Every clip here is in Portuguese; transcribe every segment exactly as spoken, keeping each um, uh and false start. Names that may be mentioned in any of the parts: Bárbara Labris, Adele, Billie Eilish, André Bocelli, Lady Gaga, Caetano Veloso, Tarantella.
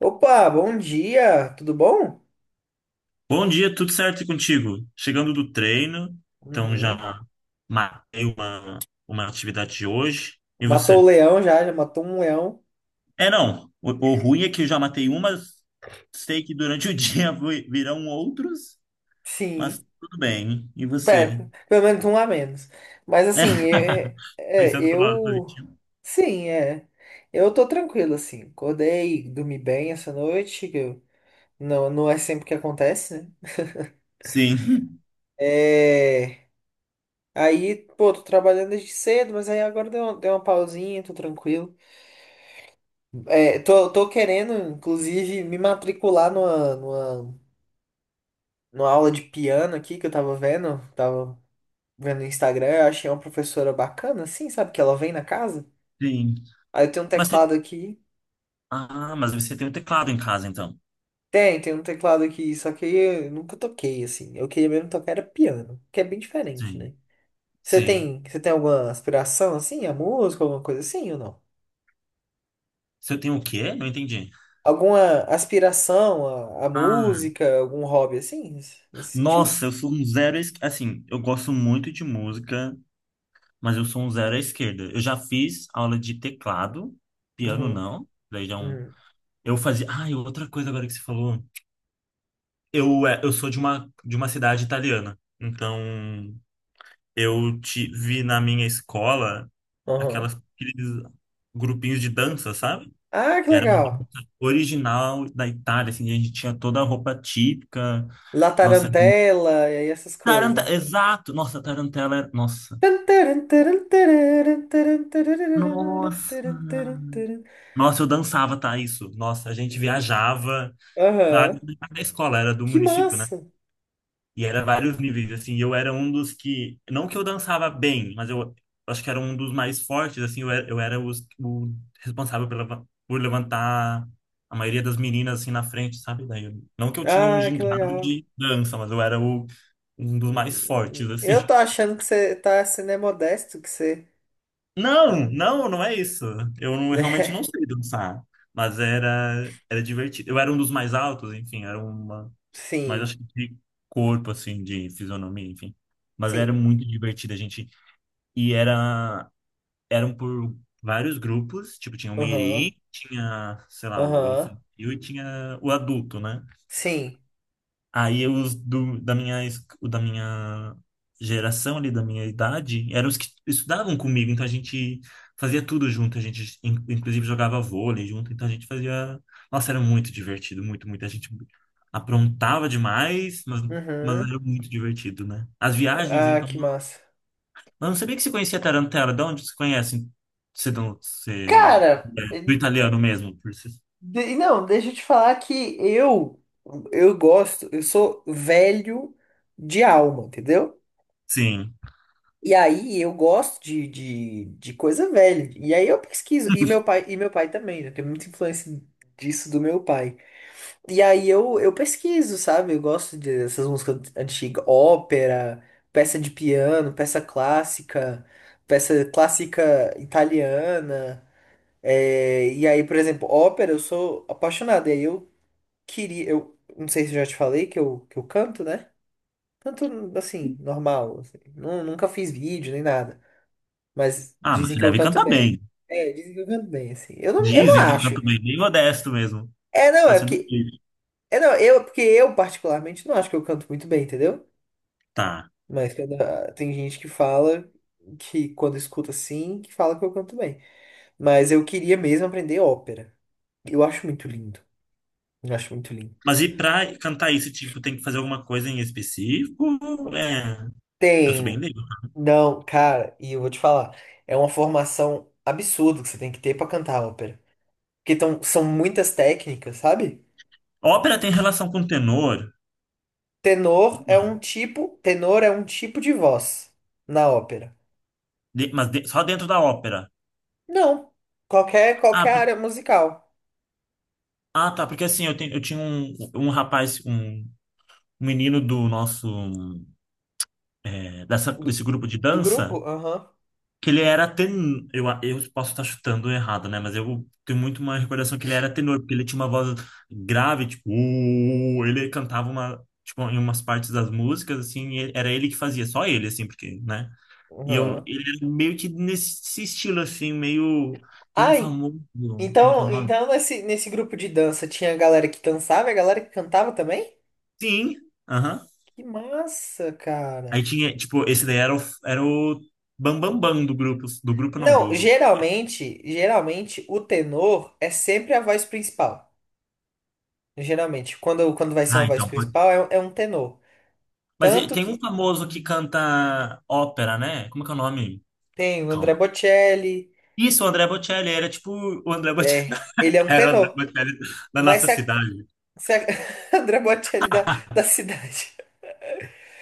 Opa, bom dia, tudo bom? Bom dia, tudo certo e contigo? Chegando do treino, então já Uhum. matei uma, uma atividade de hoje. E Matou o você? leão, já, já matou um leão. É, não. O, o ruim é que eu já matei umas, sei que durante o dia vi- virão outros, mas Sim, tudo bem. E é, você? pelo menos um a menos. Mas É, assim, é, é, pensando pelo lado eu. positivo. Sim, é. Eu tô tranquilo, assim. Acordei, dormi bem essa noite, que eu- não, não é sempre que acontece, né? Sim, É. Aí, pô, tô trabalhando desde cedo, mas aí agora deu, uma- deu uma pausinha, tô tranquilo. É, tô, tô querendo, inclusive, me matricular numa, numa numa aula de piano aqui que eu tava vendo, tava vendo no Instagram. Eu achei uma professora bacana, assim, sabe? Que ela vem na casa. sim. Aí eu tenho um Mas, você- teclado aqui. ah, mas você tem um teclado em casa, então. Tem, tem um teclado aqui, só que eu nunca toquei, assim. Eu queria mesmo tocar era piano, que é bem diferente, Sim, né? Você sim. tem, você tem alguma aspiração, assim, a música, alguma coisa assim ou não? Você tem o quê? Não entendi. Alguma aspiração à, à Ah, música, algum hobby assim, nesse nesse sentido? nossa, eu sou um zero. es- Assim, eu gosto muito de música. Mas eu sou um zero à esquerda. Eu já fiz aula de teclado, piano Uhum, não. Daí já é um. uhum, Eu fazia. Ah, e outra coisa agora que você falou. Eu, é, eu sou de uma, de uma cidade italiana. Então, eu tive na minha escola uhum. aquelas, aqueles grupinhos de dança, sabe? Ah, que Era uma legal! dança original da Itália, assim, a gente tinha toda a roupa típica. La Nossa, tarantela e aí essas taranta... coisas. exato! Nossa, tarantela era. Nossa. Nossa! Nossa, eu dançava, tá? Isso. Nossa, a gente viajava. Ah, Aham. não era da escola, era do Que município, né? massa! E era vários níveis, assim. E eu era um dos que. Não que eu dançava bem, mas eu acho que era um dos mais fortes, assim. Eu era, eu era os- o responsável pela, por levantar a maioria das meninas, assim, na frente, sabe? Daí, eu- não que eu tinha um Ah, que gingado legal. de dança, mas eu era o, um dos mais fortes, Eu assim. tô achando que você tá sendo é modesto, que você, Não, não, não é isso. Eu não- Realmente não né? sei dançar, mas era era divertido. Eu era um dos mais altos, enfim, era uma, mas Sim, acho que de corpo assim, de fisionomia, enfim. Mas era sim. muito divertido a gente, e era eram por vários grupos, tipo tinha o Mirim, Aham, tinha, sei lá, o aham. infantil e tinha o adulto, né? Sim. Aí os do, da minha, es- o da minha geração ali, da minha idade, eram os que estudavam comigo, então a gente fazia tudo junto, a gente in- inclusive jogava vôlei junto, então a gente fazia... Nossa, era muito divertido, muito, muito. A gente aprontava demais, mas, mas Uhum. era muito divertido, né? As viagens, Ah, então... que não- massa. Mas eu não sabia que você conhecia Tarantella, de onde você conhece? Você, não- Você... Cara, Do italiano mesmo, por si. de- não, deixa eu te falar que eu eu gosto, eu sou velho de alma, entendeu? Sim. E aí eu gosto de, de, de coisa velha. E aí eu pesquiso. E meu pai, e meu pai também, né? Tem muita influência disso do meu pai. E aí eu, eu pesquiso, sabe? Eu gosto dessas músicas antigas, ópera, peça de piano, peça clássica, peça clássica italiana. É, e aí, por exemplo, ópera, eu sou apaixonado. E aí eu queria, eu não sei se eu já te falei que eu, que eu canto, né? Canto assim, normal. Assim. Nu- Nunca fiz vídeo nem nada. Mas Ah, mas dizem você que eu deve canto cantar bem. bem. É, dizem que eu canto bem, assim. Eu não, eu não Dizem que eu acho. canto bem, bem modesto mesmo. É, não, Tá é sendo porque. É, não, eu, porque eu, particularmente, não acho que eu canto muito bem, entendeu? Tá. Mas quando- ah, tem gente que fala que quando escuta assim, que fala que eu canto bem. Mas eu queria mesmo aprender ópera. Eu acho muito lindo. Eu acho muito lindo. Mas e pra cantar isso, tipo, tem que fazer alguma coisa em específico? É, eu sou bem Tem. leigo. Não, cara, e eu vou te falar. É uma formação absurda que você tem que ter pra cantar ópera. Porque tão, são muitas técnicas, sabe? Ópera tem relação com tenor, Tenor é um tipo, tenor é um tipo de voz na ópera. de- mas de- só dentro da ópera. Não, qualquer Ah, qualquer por- área musical ah, tá, porque assim, eu, tenho, eu tinha um, um rapaz, um menino do nosso, é, dessa, do, desse grupo de do dança, grupo. Aham. que ele era tenor. Eu, eu posso estar chutando errado, né? Mas eu tenho muito uma recordação que ele era tenor, porque ele tinha uma voz grave, tipo, "Uh", ele cantava uma, tipo, em umas partes das músicas, assim, e era ele que fazia, só ele, assim, porque, né? E eu, Aham. ele era meio que nesse estilo, assim, meio. Tem um Ai, famoso. Como que é o então, nome? então nesse nesse grupo de dança tinha a galera que dançava e a galera que cantava também? Sim, aham. Que massa, Aí cara. tinha, tipo, esse daí era o, era o Bam Bam Bam do grupo, do grupo não, Não, do. geralmente, geralmente o tenor é sempre a voz principal. Geralmente, quando quando vai ser uma Ah, voz então. principal é, é um tenor. Mas e- Tanto Tem um que famoso que canta ópera, né? Como é que é o nome? tem o André Calma. Bocelli. Isso, o André Bocelli. Era tipo o André Bocelli. É, ele é um Era o André tenor. Bocelli da Mas nossa se a, cidade, se a André Bocelli da, da cidade.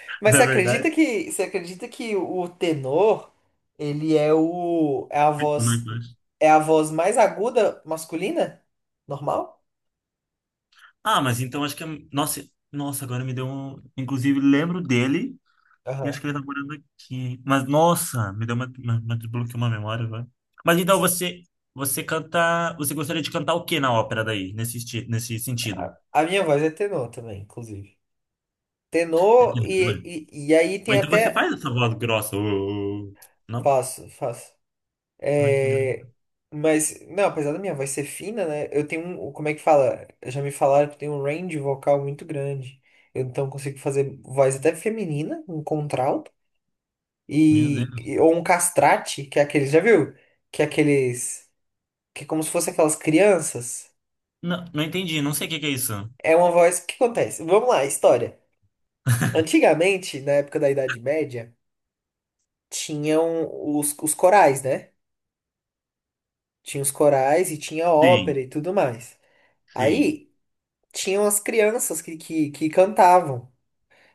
Mas você na acredita verdade. que, você acredita que o tenor, ele é o é a Muito mais voz baixo. é a voz mais aguda masculina? Normal? Ah, mas então acho que... é- Nossa, nossa, agora me deu um... Inclusive, lembro dele e acho Aham. que ele tá morando aqui. Mas, nossa, me deu uma... uma, uma desbloqueou uma memória agora. Mas então você... Você canta... Você gostaria de cantar o que na ópera daí? Nesse, esti- nesse sentido? A minha voz é tenor também, inclusive. É Tenor que- e, e, e aí tem Mas então você até faz essa voz grossa. Ô, ô, ô. Não? faço, faço. Ai, que É, engraçado. mas, não, apesar da minha voz ser fina, né? Eu tenho um. Como é que fala? Já me falaram que eu tenho um range vocal muito grande. Eu então consigo fazer voz até feminina, um contralto, Meu e, Deus. e- ou um castrate, que é aqueles. Já viu? Que é aqueles. Que é como se fosse aquelas crianças. Não, não entendi, não sei o que que é isso. É uma voz. O que acontece? Vamos lá, história. Antigamente, na época da Idade Média, tinham os, os corais, né? Tinha os corais e tinha ópera Sim, e tudo mais. sim, Aí, tinham as crianças que, que, que cantavam.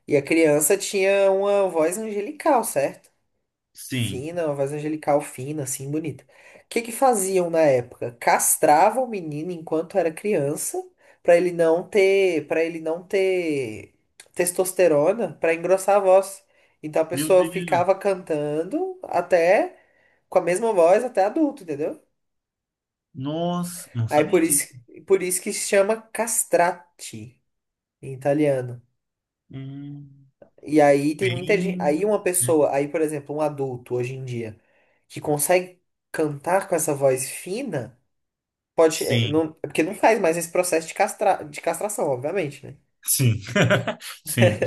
E a criança tinha uma voz angelical, certo? sim. Fina, uma voz angelical fina, assim, bonita. O que que faziam na época? Castravam o menino enquanto era criança, para ele não ter, para ele não ter testosterona, para engrossar a voz. Então a Meu pessoa Deus. ficava cantando até com a mesma voz até adulto, entendeu? Nossa, não Aí sabia por isso, disso. por isso que se chama castrati em italiano. Hum, E aí tem muita gente. bem. Aí uma pessoa, aí, por exemplo, um adulto hoje em dia, que consegue cantar com essa voz fina, pode. É, Sim, não, é porque não faz mais esse processo de, castra, de castração, obviamente, né? sim, sim.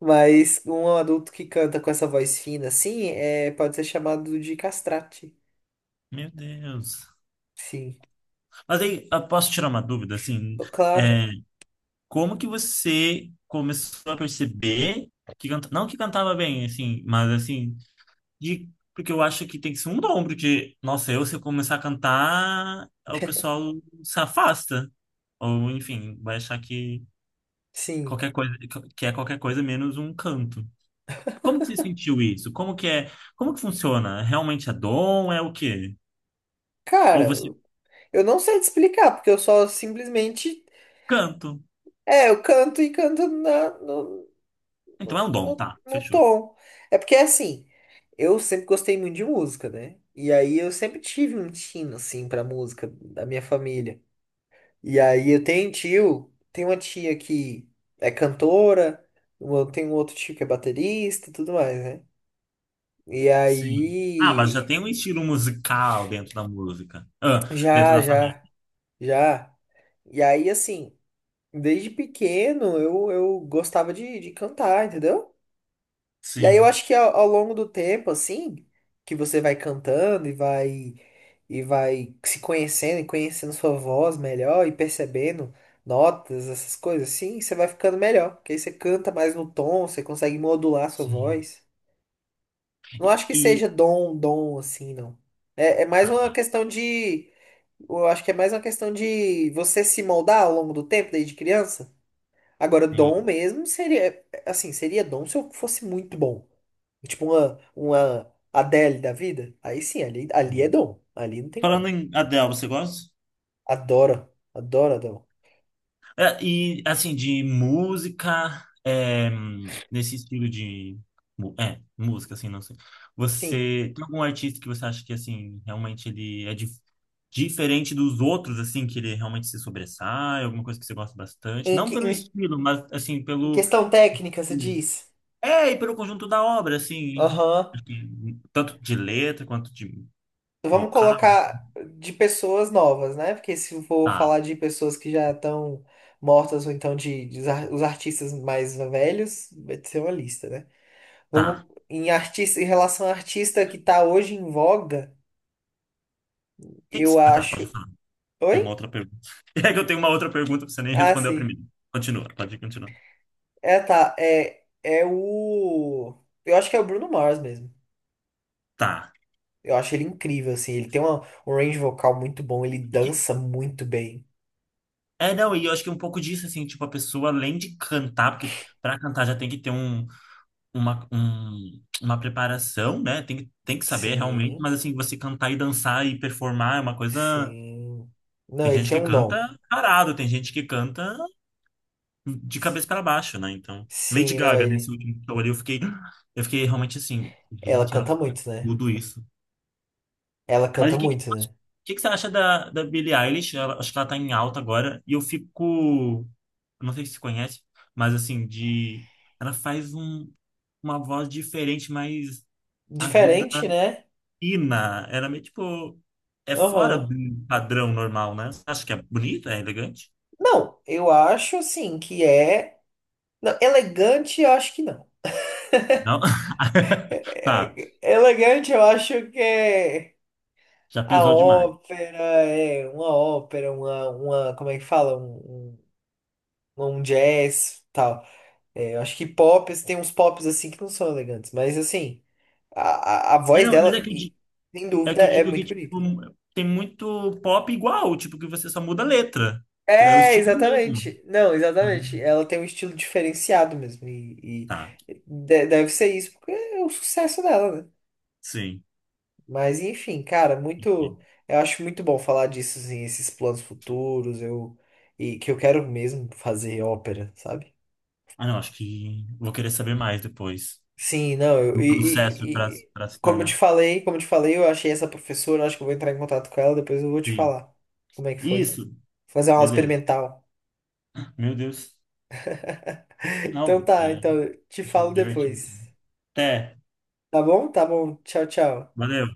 Mas um adulto que canta com essa voz fina, assim, é, pode ser chamado de castrate. Meu Deus. Sim. Mas aí, eu posso tirar uma dúvida, assim? Claro, É, como que você começou a perceber que canta... não que cantava bem, assim, mas assim, de, porque eu acho que tem que ser um ombro de, nossa, eu se eu começar a cantar, o pessoal se afasta. Ou, enfim, vai achar que sim. qualquer coisa, que é qualquer coisa menos um canto. Como que você sentiu isso? Como que é, como que funciona? Realmente é dom? É o quê? Ou Cara, você eu não sei te explicar, porque eu só simplesmente. canto? É, eu canto e canto na, no- Então é no, um dom, no tá, no fechou. tom. É porque assim, eu sempre gostei muito de música, né? E aí eu sempre tive um tino assim pra música da minha família. E aí eu tenho um tio, tem uma tia que é cantora, eu tenho um outro tio que é baterista e tudo mais, né? E Sim. Ah, mas já aí tem um estilo musical dentro da música. Ah, dentro já, da família. já, já. E aí assim, desde pequeno eu, eu gostava de, de cantar, entendeu? E aí eu Sim. acho que ao, ao longo do tempo, assim, que você vai cantando e vai e vai se conhecendo e conhecendo sua voz melhor e percebendo notas, essas coisas assim, você vai ficando melhor, porque aí você canta mais no tom, você consegue modular sua Sim. voz. Não acho que E, seja dom, dom assim, não. É, é mais uma questão de, eu acho que é mais uma questão de você se moldar ao longo do tempo, desde criança. Agora, dom sim, mesmo seria, assim, seria dom se eu fosse muito bom. Tipo uma, uma Adele da vida. Aí sim, ali, ali é sim. dom. Ali não tem Falando como. em Adele, você gosta? Adoro, adoro dom. É, e assim, de música, é, hum, nesse estilo de. mu- É, música, assim, não sei. Sim. Você tem algum artista que você acha que, assim, realmente ele é dif- diferente dos outros, assim, que ele realmente se sobressai, alguma coisa que você gosta bastante? Em, Não que- pelo em estilo, mas, assim, em pelo. questão técnica, você diz? É, e pelo conjunto da obra, assim. Aham. Acho que tanto de letra quanto de Vamos vocal, assim. colocar de pessoas novas, né? Porque se eu for Tá, falar de pessoas que já estão mortas ou então de, de os ar- os artistas mais velhos, vai ser uma lista, né? tá. Vamos em artista, em relação a artista que tá hoje em voga. O que que Eu você- Ah, tá, acho. pode falar. Tem uma Oi? outra pergunta. É que eu tenho uma outra pergunta, pra você nem Ah, respondeu a sim. primeira. Continua, pode continuar. É, tá. É, é o. Eu acho que é o Bruno Mars mesmo. Tá. Eu acho ele incrível, assim. Ele tem uma- um range vocal muito bom, ele E que- dança muito bem. É, não, e eu acho que é um pouco disso, assim, tipo, a pessoa, além de cantar, porque pra cantar já tem que ter um, uma, um- uma preparação, né? Tem, que- tem que saber realmente, Sim, mas assim, você cantar e dançar e performar é uma coisa. sim. Tem Não, ele gente tem que um dom. canta parado, tem gente que canta de cabeça para baixo, né? Então, Lady Sim, não, Gaga, nesse ele. último show ali, eu fiquei, eu fiquei realmente assim, Ela gente, ela canta faz muito, né? tudo isso. Ela Mas canta o que, que, o muito, né? que que você acha da, da Billie Eilish? Ela- acho que ela tá em alta agora. E eu fico. Não sei se você conhece, mas assim, de. Ela faz um, uma voz diferente, mais aguda, Diferente, né? fina. Ela é meio tipo. É fora do Aham. padrão normal, né? Você acha que é bonita, é elegante? Não, eu acho, assim, que é. Não, elegante, eu acho que não. Não? Tá, É- é- Elegante, eu acho que é. já A pesou demais. ópera, é, uma ópera, uma, uma, como é que fala? Um, um, um jazz, tal. É, eu acho que pop, assim, tem uns pops assim que não são elegantes, mas assim, a, a, a É, voz não, mas é dela, que eu, e- di- sem é dúvida, que eu é digo que muito tipo, bonita. tem muito pop igual, tipo, que você só muda a letra, que daí é o É, estilo mesmo. exatamente. Não, exatamente. Uhum. Ela tem um estilo diferenciado mesmo, e, Tá, e de- deve ser isso, porque é o sucesso dela, né? sim. Mas enfim, cara, Entendi. muito. Eu acho muito bom falar disso, assim, esses planos futuros, eu. E que eu quero mesmo fazer ópera, sabe? Ah, não, acho que vou querer saber mais depois Sim, não, eu, do e, processo para e- e- para se como eu te tornar. falei, como eu te falei, eu achei essa professora, acho que eu vou entrar em contato com ela, depois eu vou te Sim. falar como é que foi. Isso, Fazer uma aula beleza. experimental. Meu Deus. Então Não, tá, é então te falo divertido. depois. Até. Tá bom? Tá bom. Tchau, tchau. Valeu.